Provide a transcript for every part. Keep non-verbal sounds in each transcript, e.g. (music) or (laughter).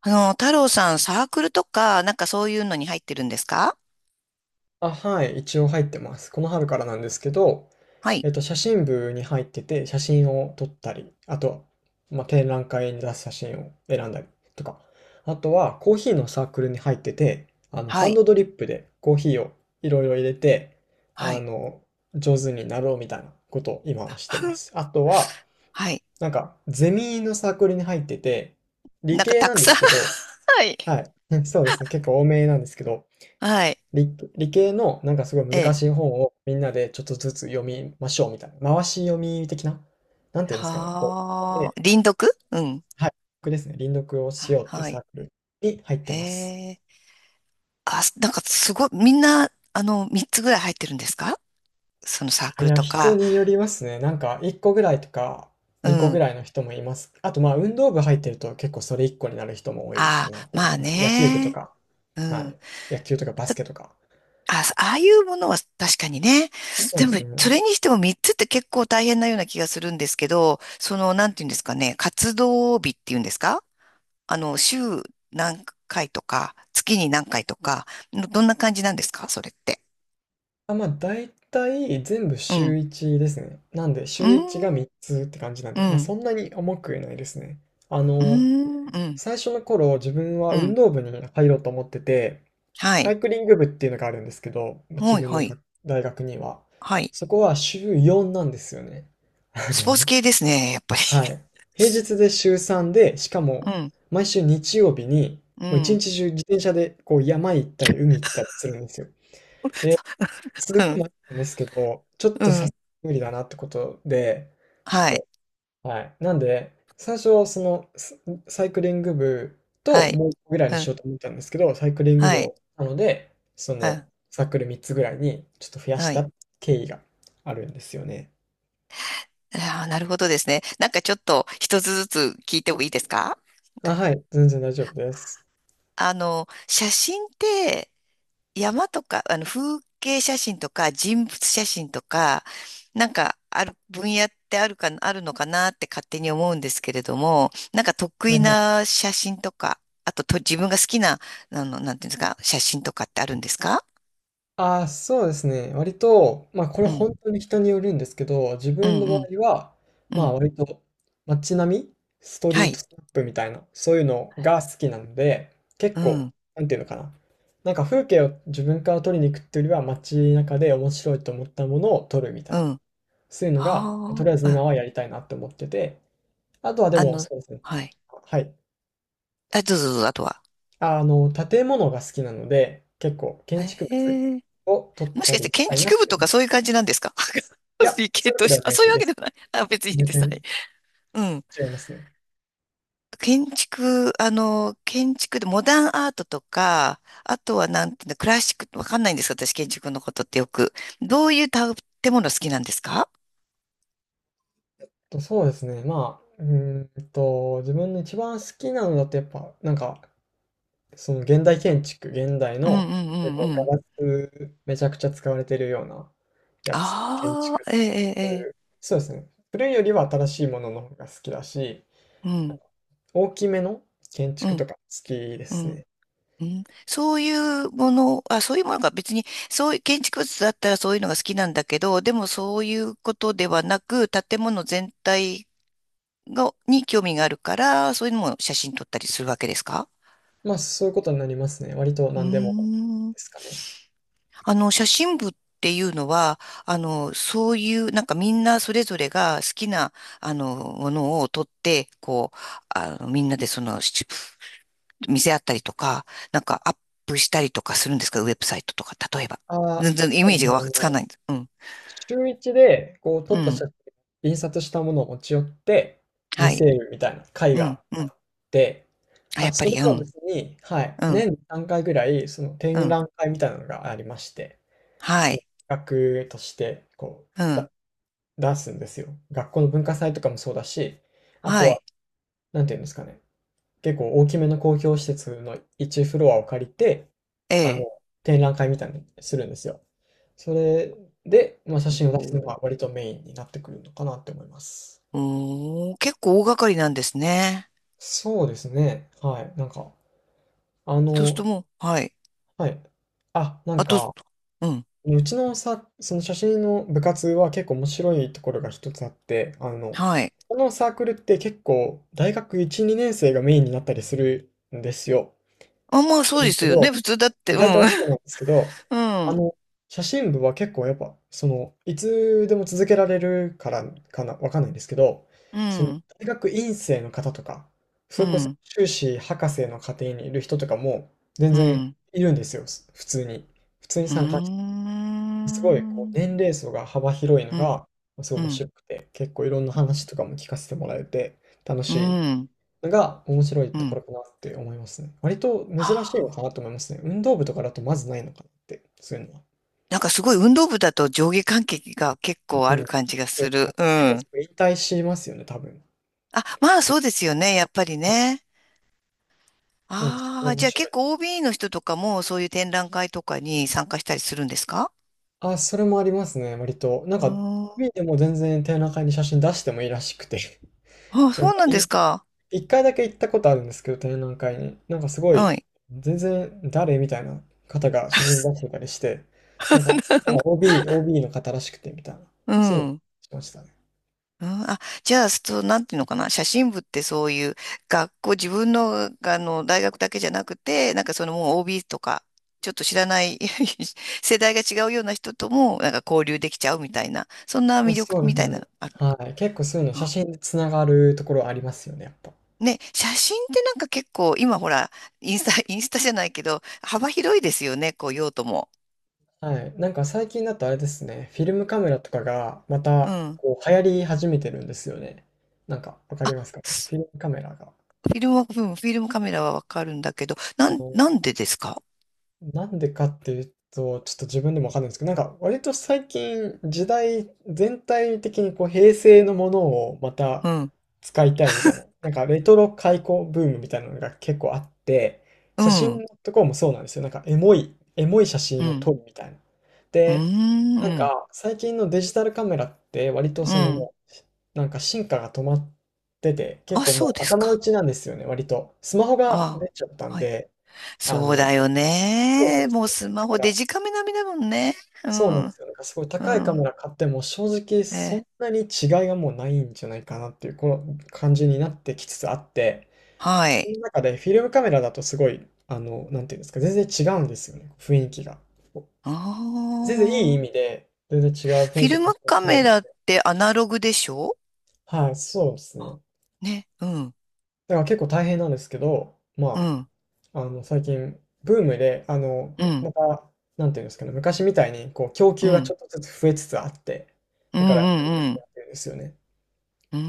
太郎さん、サークルとか、なんかそういうのに入ってるんですか？あ、はい、一応入ってます。この春からなんですけど、はい、写真部に入ってて、写真を撮ったり、あとは、まあ、展覧会に出す写真を選んだりとか、あとはコーヒーのサークルに入ってて、はハンい、ドドリップでコーヒーをいろいろ入れて、はあい、の、上手になろうみたいなことを今はしてます。あとは、はい。なんか、ゼミのサークルに入ってて、理なんか系たなくんでさん (laughs) すけど、はい、はい、(laughs) そうですね、結構多めなんですけど、はい、理系のなんかすごいえ難え。しい本をみんなでちょっとずつ読みましょうみたいな。回し読み的な、なんていうんですかね。こう、はで、あ、輪読うん。はい、僕ですね。輪読をしはようっていうはサい。ークルに入ってます。ええ。あ、なんかすごい、みんな、3つぐらい入ってるんですか？そのサーあ、クいルや、と人か。によりますね。なんか1個ぐらいとかう2個ぐん。らいの人もいます。あとまあ運動部入ってると結構それ1個になる人も多いかあなあ、とま思いあます。野球部とね。か、うはん。い。野球とかバスケとか。あ、ああいうものは確かにね。そうででも、すそね。れにしても3つって結構大変なような気がするんですけど、その、なんていうんですかね、活動日っていうんですか？週何回とか、月に何回とか、どんな感じなんですかそれって？あ、まあ、大体全部う週ん。1ですね。なんで、う週1がーん、3つって感じなんうで、まあ、ん、そんなに重くないですね。あうーの、ん、うん、最初の頃、自分はう運ん。動部に入ろうと思ってて、はサい。イクリング部っていうのがあるんですけど、自はい、分はのい、学大学には。はい。そこは週4なんですよね。(laughs) あスポーツの、系ですね、やっぱり。はい。平日で週3で、しか (laughs) うも、ん、毎週日曜日に、うもう一ん。日中自転車でこう山行ったり海行ったりするんですよ。すごい (laughs) 迷ったんですけど、ちょっうとさすん、うがにん。無理だなってことで、ちょっはい、と、はい。なんで、最初、その、スサイクリング部はとい。もう1個ぐらいうにしよん、うと思ったんですけど、サイクリングは部い、を、なので、そうん、の、サークル3つぐらいにちょっと増やしはい。た経緯があるんですよね。ああ、なるほどですね。なんかちょっと一つずつ聞いてもいいですか？あ、はい、全然大丈夫です。写真って山とか、風景写真とか人物写真とか、なんかある、分野ってあるか、あるのかなって勝手に思うんですけれども、なんか得はい意はい。な写真とか、あと自分が好きな、なんていうんですか、写真とかってあるんですか？ああ、そうですね。割と、まあこれうん、本当に人によるんですけど、自う分ん、の場合うん、は、うまあん。割と街並み、ストはリートい。スナップみたいな、そういうのが好きなので、結う構、ん、なんていうのかな。なんか風景を自分から撮りに行くっていうよりは街中で面白いと思ったものを撮るみたいうな。ん。はそういうのが、とりあ、あえずうん、今はやりたいなって思ってて、あとはであも、の、そうですね。はい。はい。あ、どうぞどうぞ、あとは。あの、建物が好きなので、結構建築物ええ、を撮っもしたかしてりし建たいなっ築部てとかそういう感じなんですか？ (laughs) いや、理系そういうわとけでし、は (laughs) あ、なそういいうわでけです。はない。あ、別にいい全です。は然い。うん。違いますね。建築でモダンアートとか、あとはなんていうの、クラシック、わかんないんですか私、建築のことってよく。どういう建物好きなんですか？と、そうですね、まあ、うーんと、自分の一番好きなのだとやっぱ、なんか、その現代建築、現代うんうのん結うん構うガん。ラスめちゃくちゃ使われてるようなやつ、建あ築あ、えとえか、ええ。そうえいう、え、そうですね。古いよりは新しいものの方が好きだし、うん、大きめの建う築とん、か好きでうすん。ね。うん、そういうもの、あ、そういうものが別に、そういう建築物だったらそういうのが好きなんだけど、でもそういうことではなく、建物全体に興味があるから、そういうのも写真撮ったりするわけですか？まあ、そういうことになりますね。割とうー何でもん。ですかね。写真部っていうのは、そういう、なんかみんなそれぞれが好きな、ものを撮って、こう、みんなで見せ合ったりとか、なんかアップしたりとかするんですか？ウェブサイトとか、例えば。あ全あ、然イそうメーですジね、がわかつかないんです。うん。週一で、こう撮うった写ん。真印刷したものを持ち寄って見はせい。るみたいな会うん。がうあっん。て、あ、やあ、っぱそれり、うとはん。別に、はい、うん。年に3回ぐらい、そのう展ん。覧会みたいなのがありまして、はそのい。企画として、こう、うだん。出すんですよ。学校の文化祭とかもそうだし、あとはは、い。なんていうんですかね、結構大きめの公共施設の1フロアを借りて、えあの、え。展覧会みたいにするんですよ。それで、まあ、写真を出すのがお割とメインになってくるのかなって思います。おー、結構大掛かりなんですね。そうですね。はい。なんか、あそうするの、ともう、はい。はい。あ、なんあと、か、うん。うちのさ、その写真の部活は結構面白いところが一つあって、はい。このサークルって結構大学1、2年生がメインになったりするんですよ。あ、まあなそんうでですすけよね。ど、普通だっまて、あうん。大体そうなんですけど、(laughs) うあん。の、写真部は結構やっぱ、その、いつでも続けられるからかな、わかんないんですけど、うその、ん。大学院生の方とか、そうれこそん。修士博士の家庭にいる人とかも、全う然ん。いるんですよ、す普通に。普通にうー参加して、すごいこうん。年齢層が幅広いのうん。が、すごうい面ん。白くて、結構いろんな話とかも聞かせてもらえて、楽うしん。いが面白いうとこん。ろかなって思いますね。割と珍しいあのかなー、と思いますね。運動部とかだとまずないのかなって、そういうのは。なんかすごい運動部だと上下関係が結構うあん。そるうで感じがすね。すなんる。かう結構すん。ぐ引退しますよね、多分。あ、まあそうですよね。やっぱりはね。い。なんでそこあがあ、面じゃあ白結い。構 OB の人とかもそういう展覧会とかに参加したりするんですか？あ、それもありますね、割と。なんうーか、ん。OB でも全然展覧会に写真出してもいいらしくて。(laughs) あ、なんそうか、なんいですか。1回だけ行ったことあるんですけど、展覧会に。なんかすごはい、い。全然誰みたいな方が写真出してたりして、なんか聞いた (laughs) ら OB、OB の方らしくてみたいな、うそういうのん。しましたね。うん、あ、じゃあ、そう、なんていうのかな、写真部ってそういう学校、自分の、あの大学だけじゃなくて、なんかそのもう OB とか、ちょっと知らない (laughs) 世代が違うような人とも、なんか交流できちゃうみたいな、そんなあ、魅力そうでみすたいね。なのある。はい。結構そういうの写あ真でつながるところありますよね、やっぱ。ね、写真ってなんか結構、今ほら、インスタ、インスタじゃないけど、幅広いですよね、こう用途も。はい。なんか最近だとあれですね、フィルムカメラとかがまうたん。こう流行り始めてるんですよね。なんかわかりあ、ますかね。すフィルムカメラが。フィルムは、うん、フィルムカメラはわかるんだけど、あのなんでですか？なんでかっていうと、ちょっと自分でもわかんないんですけど、なんか割と最近時代全体的にこう平成のものをまうたん、使いたいみたいな、なんかレトロ開古ブームみたいなのが結構あって、う写真ん、のところもそうなんですよ。なんかエモい写う真をん。撮るみたいな。うーで、なんん、か最近のデジタルカメラって割とうそのん。もう、なんか進化が止まってて、結あ、構そうもうです頭打か。ちなんですよね、割と。スマホがあ出ちゃったあ、んはい。で、あそうの、だよそうなんね。ですもうよスね。だマかホら、デジカメ並みだもんね。うそうなんん、ですよ。なんかすごいう高いカん。メラ買っても、正直そえ、んなに違いがもうないんじゃないかなっていう、この感じになってきつつあって、はそい。の中でフィルムカメラだとすごい、あの、なんていうんですか、全然違うんですよね、雰囲気が。あ全然いい意味あ。で、全然違うフ雰囲ィ気ルで写ム真がカ撮れメるんラっで。てアナログでしょ？はい、そうですあ、ね。ね。うん、だから結構大変なんですけど、うまん、あ、あの、最近、ブームで、うん、うん、また、なんていうんですかね、昔みたいに、こう、供う給がちん、ょっとずつ増えつつあって、うだから、始めやん、うすくなん。ってるんですよね。うー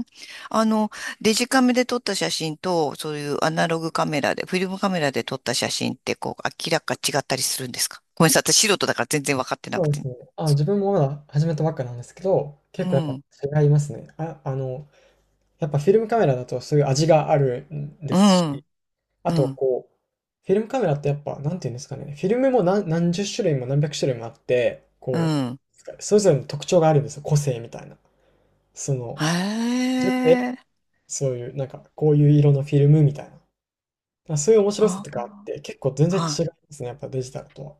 ん。あの、デジカメで撮った写真と、そういうアナログカメラで、フィルムカメラで撮った写真って、こう、明らか違ったりするんですか？ごめんなさい、私素人だから全然分かってなそくうですて。ね。あ、自分もまだ始めたばっかなんですけど、う結構やっん、ぱ違いますね。やっぱフィルムカメラだとそういう味があるんでうすし、ん、あうとん、こう、フィルムカメラってやっぱ、なんていうんですかね、フィルムも何十種類も何百種類もあって、うこん。う、それぞれの特徴があるんですよ、個性みたいな。そへの、自分でえ。そういう、なんか、こういう色のフィルムみたいな。まあ、そういう面白さあとかあっー、て、結構全然は違いまい。すね、やっぱデジタルとは。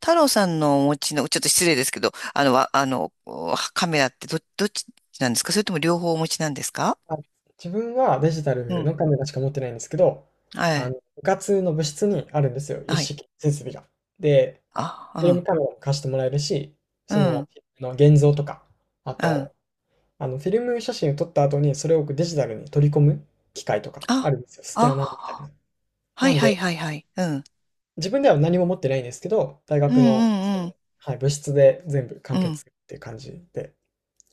太郎さんのお持ちの、ちょっと失礼ですけど、あの、わあの、おカメラってどっちなんですか？それとも両方お持ちなんですか？あ、自分はデジタうルん。のカメラしか持ってないんですけど、はい。部活の部室にあるんですよ、一はい。式設備が。で、フィルムあ、カメラも貸してもらえるし、うそん、うの、ん、フィルムの現像とか、あうん。と、フィルム写真を撮った後に、それをデジタルに取り込む機械とかああ、るんですよ、スキャナーみたいあ、な。はないんはいで、はいはい。うん。自分では何も持ってないんですけど、大うん学うの、その、んうん。はい、部室で全部完う結ん。っていう感じで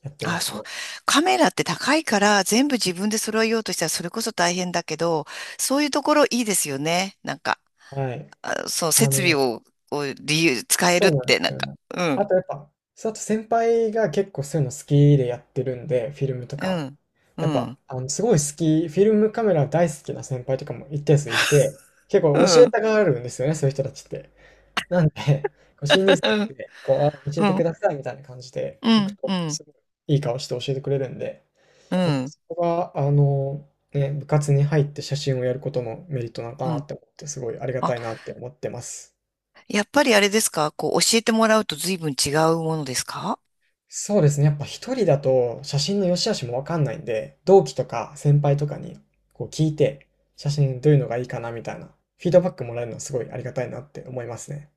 やってまあ、すそう。ね。カメラって高いから全部自分で揃えようとしたらそれこそ大変だけど、そういうところいいですよね。なんか、はい。あ、そう、あ設備の、を理由、使えるそっうなんでて、なすんよか、ね。うあん、とやっぱ、そうあと先輩が結構そういうの好きでやってるんで、フィルムとうか。ん、うやっぱ、ん、すごい好き、フィルムカメラ大好きな先輩とかも一定数いて、結う構教えん、たがるんですよね、そういう人たちって。なんで、こう新入 (laughs) 生うなんん、で、こう、あ教えうてくん、ださいみたいな感じでう行くん、うと、ん、すごいいい顔して教えてくれるんで、うやっぱん。そこが、あの、ね、部活に入って写真をやることのメリットなのかうなっん、て思って、すごいありがあ、たいなって思ってます。やっぱりあれですかこう、教えてもらうと随分違うものですか？そうですね。やっぱ一人だと写真の良し悪しもわかんないんで、同期とか先輩とかにこう聞いて、写真どういうのがいいかなみたいなフィードバックもらえるのはすごいありがたいなって思いますね。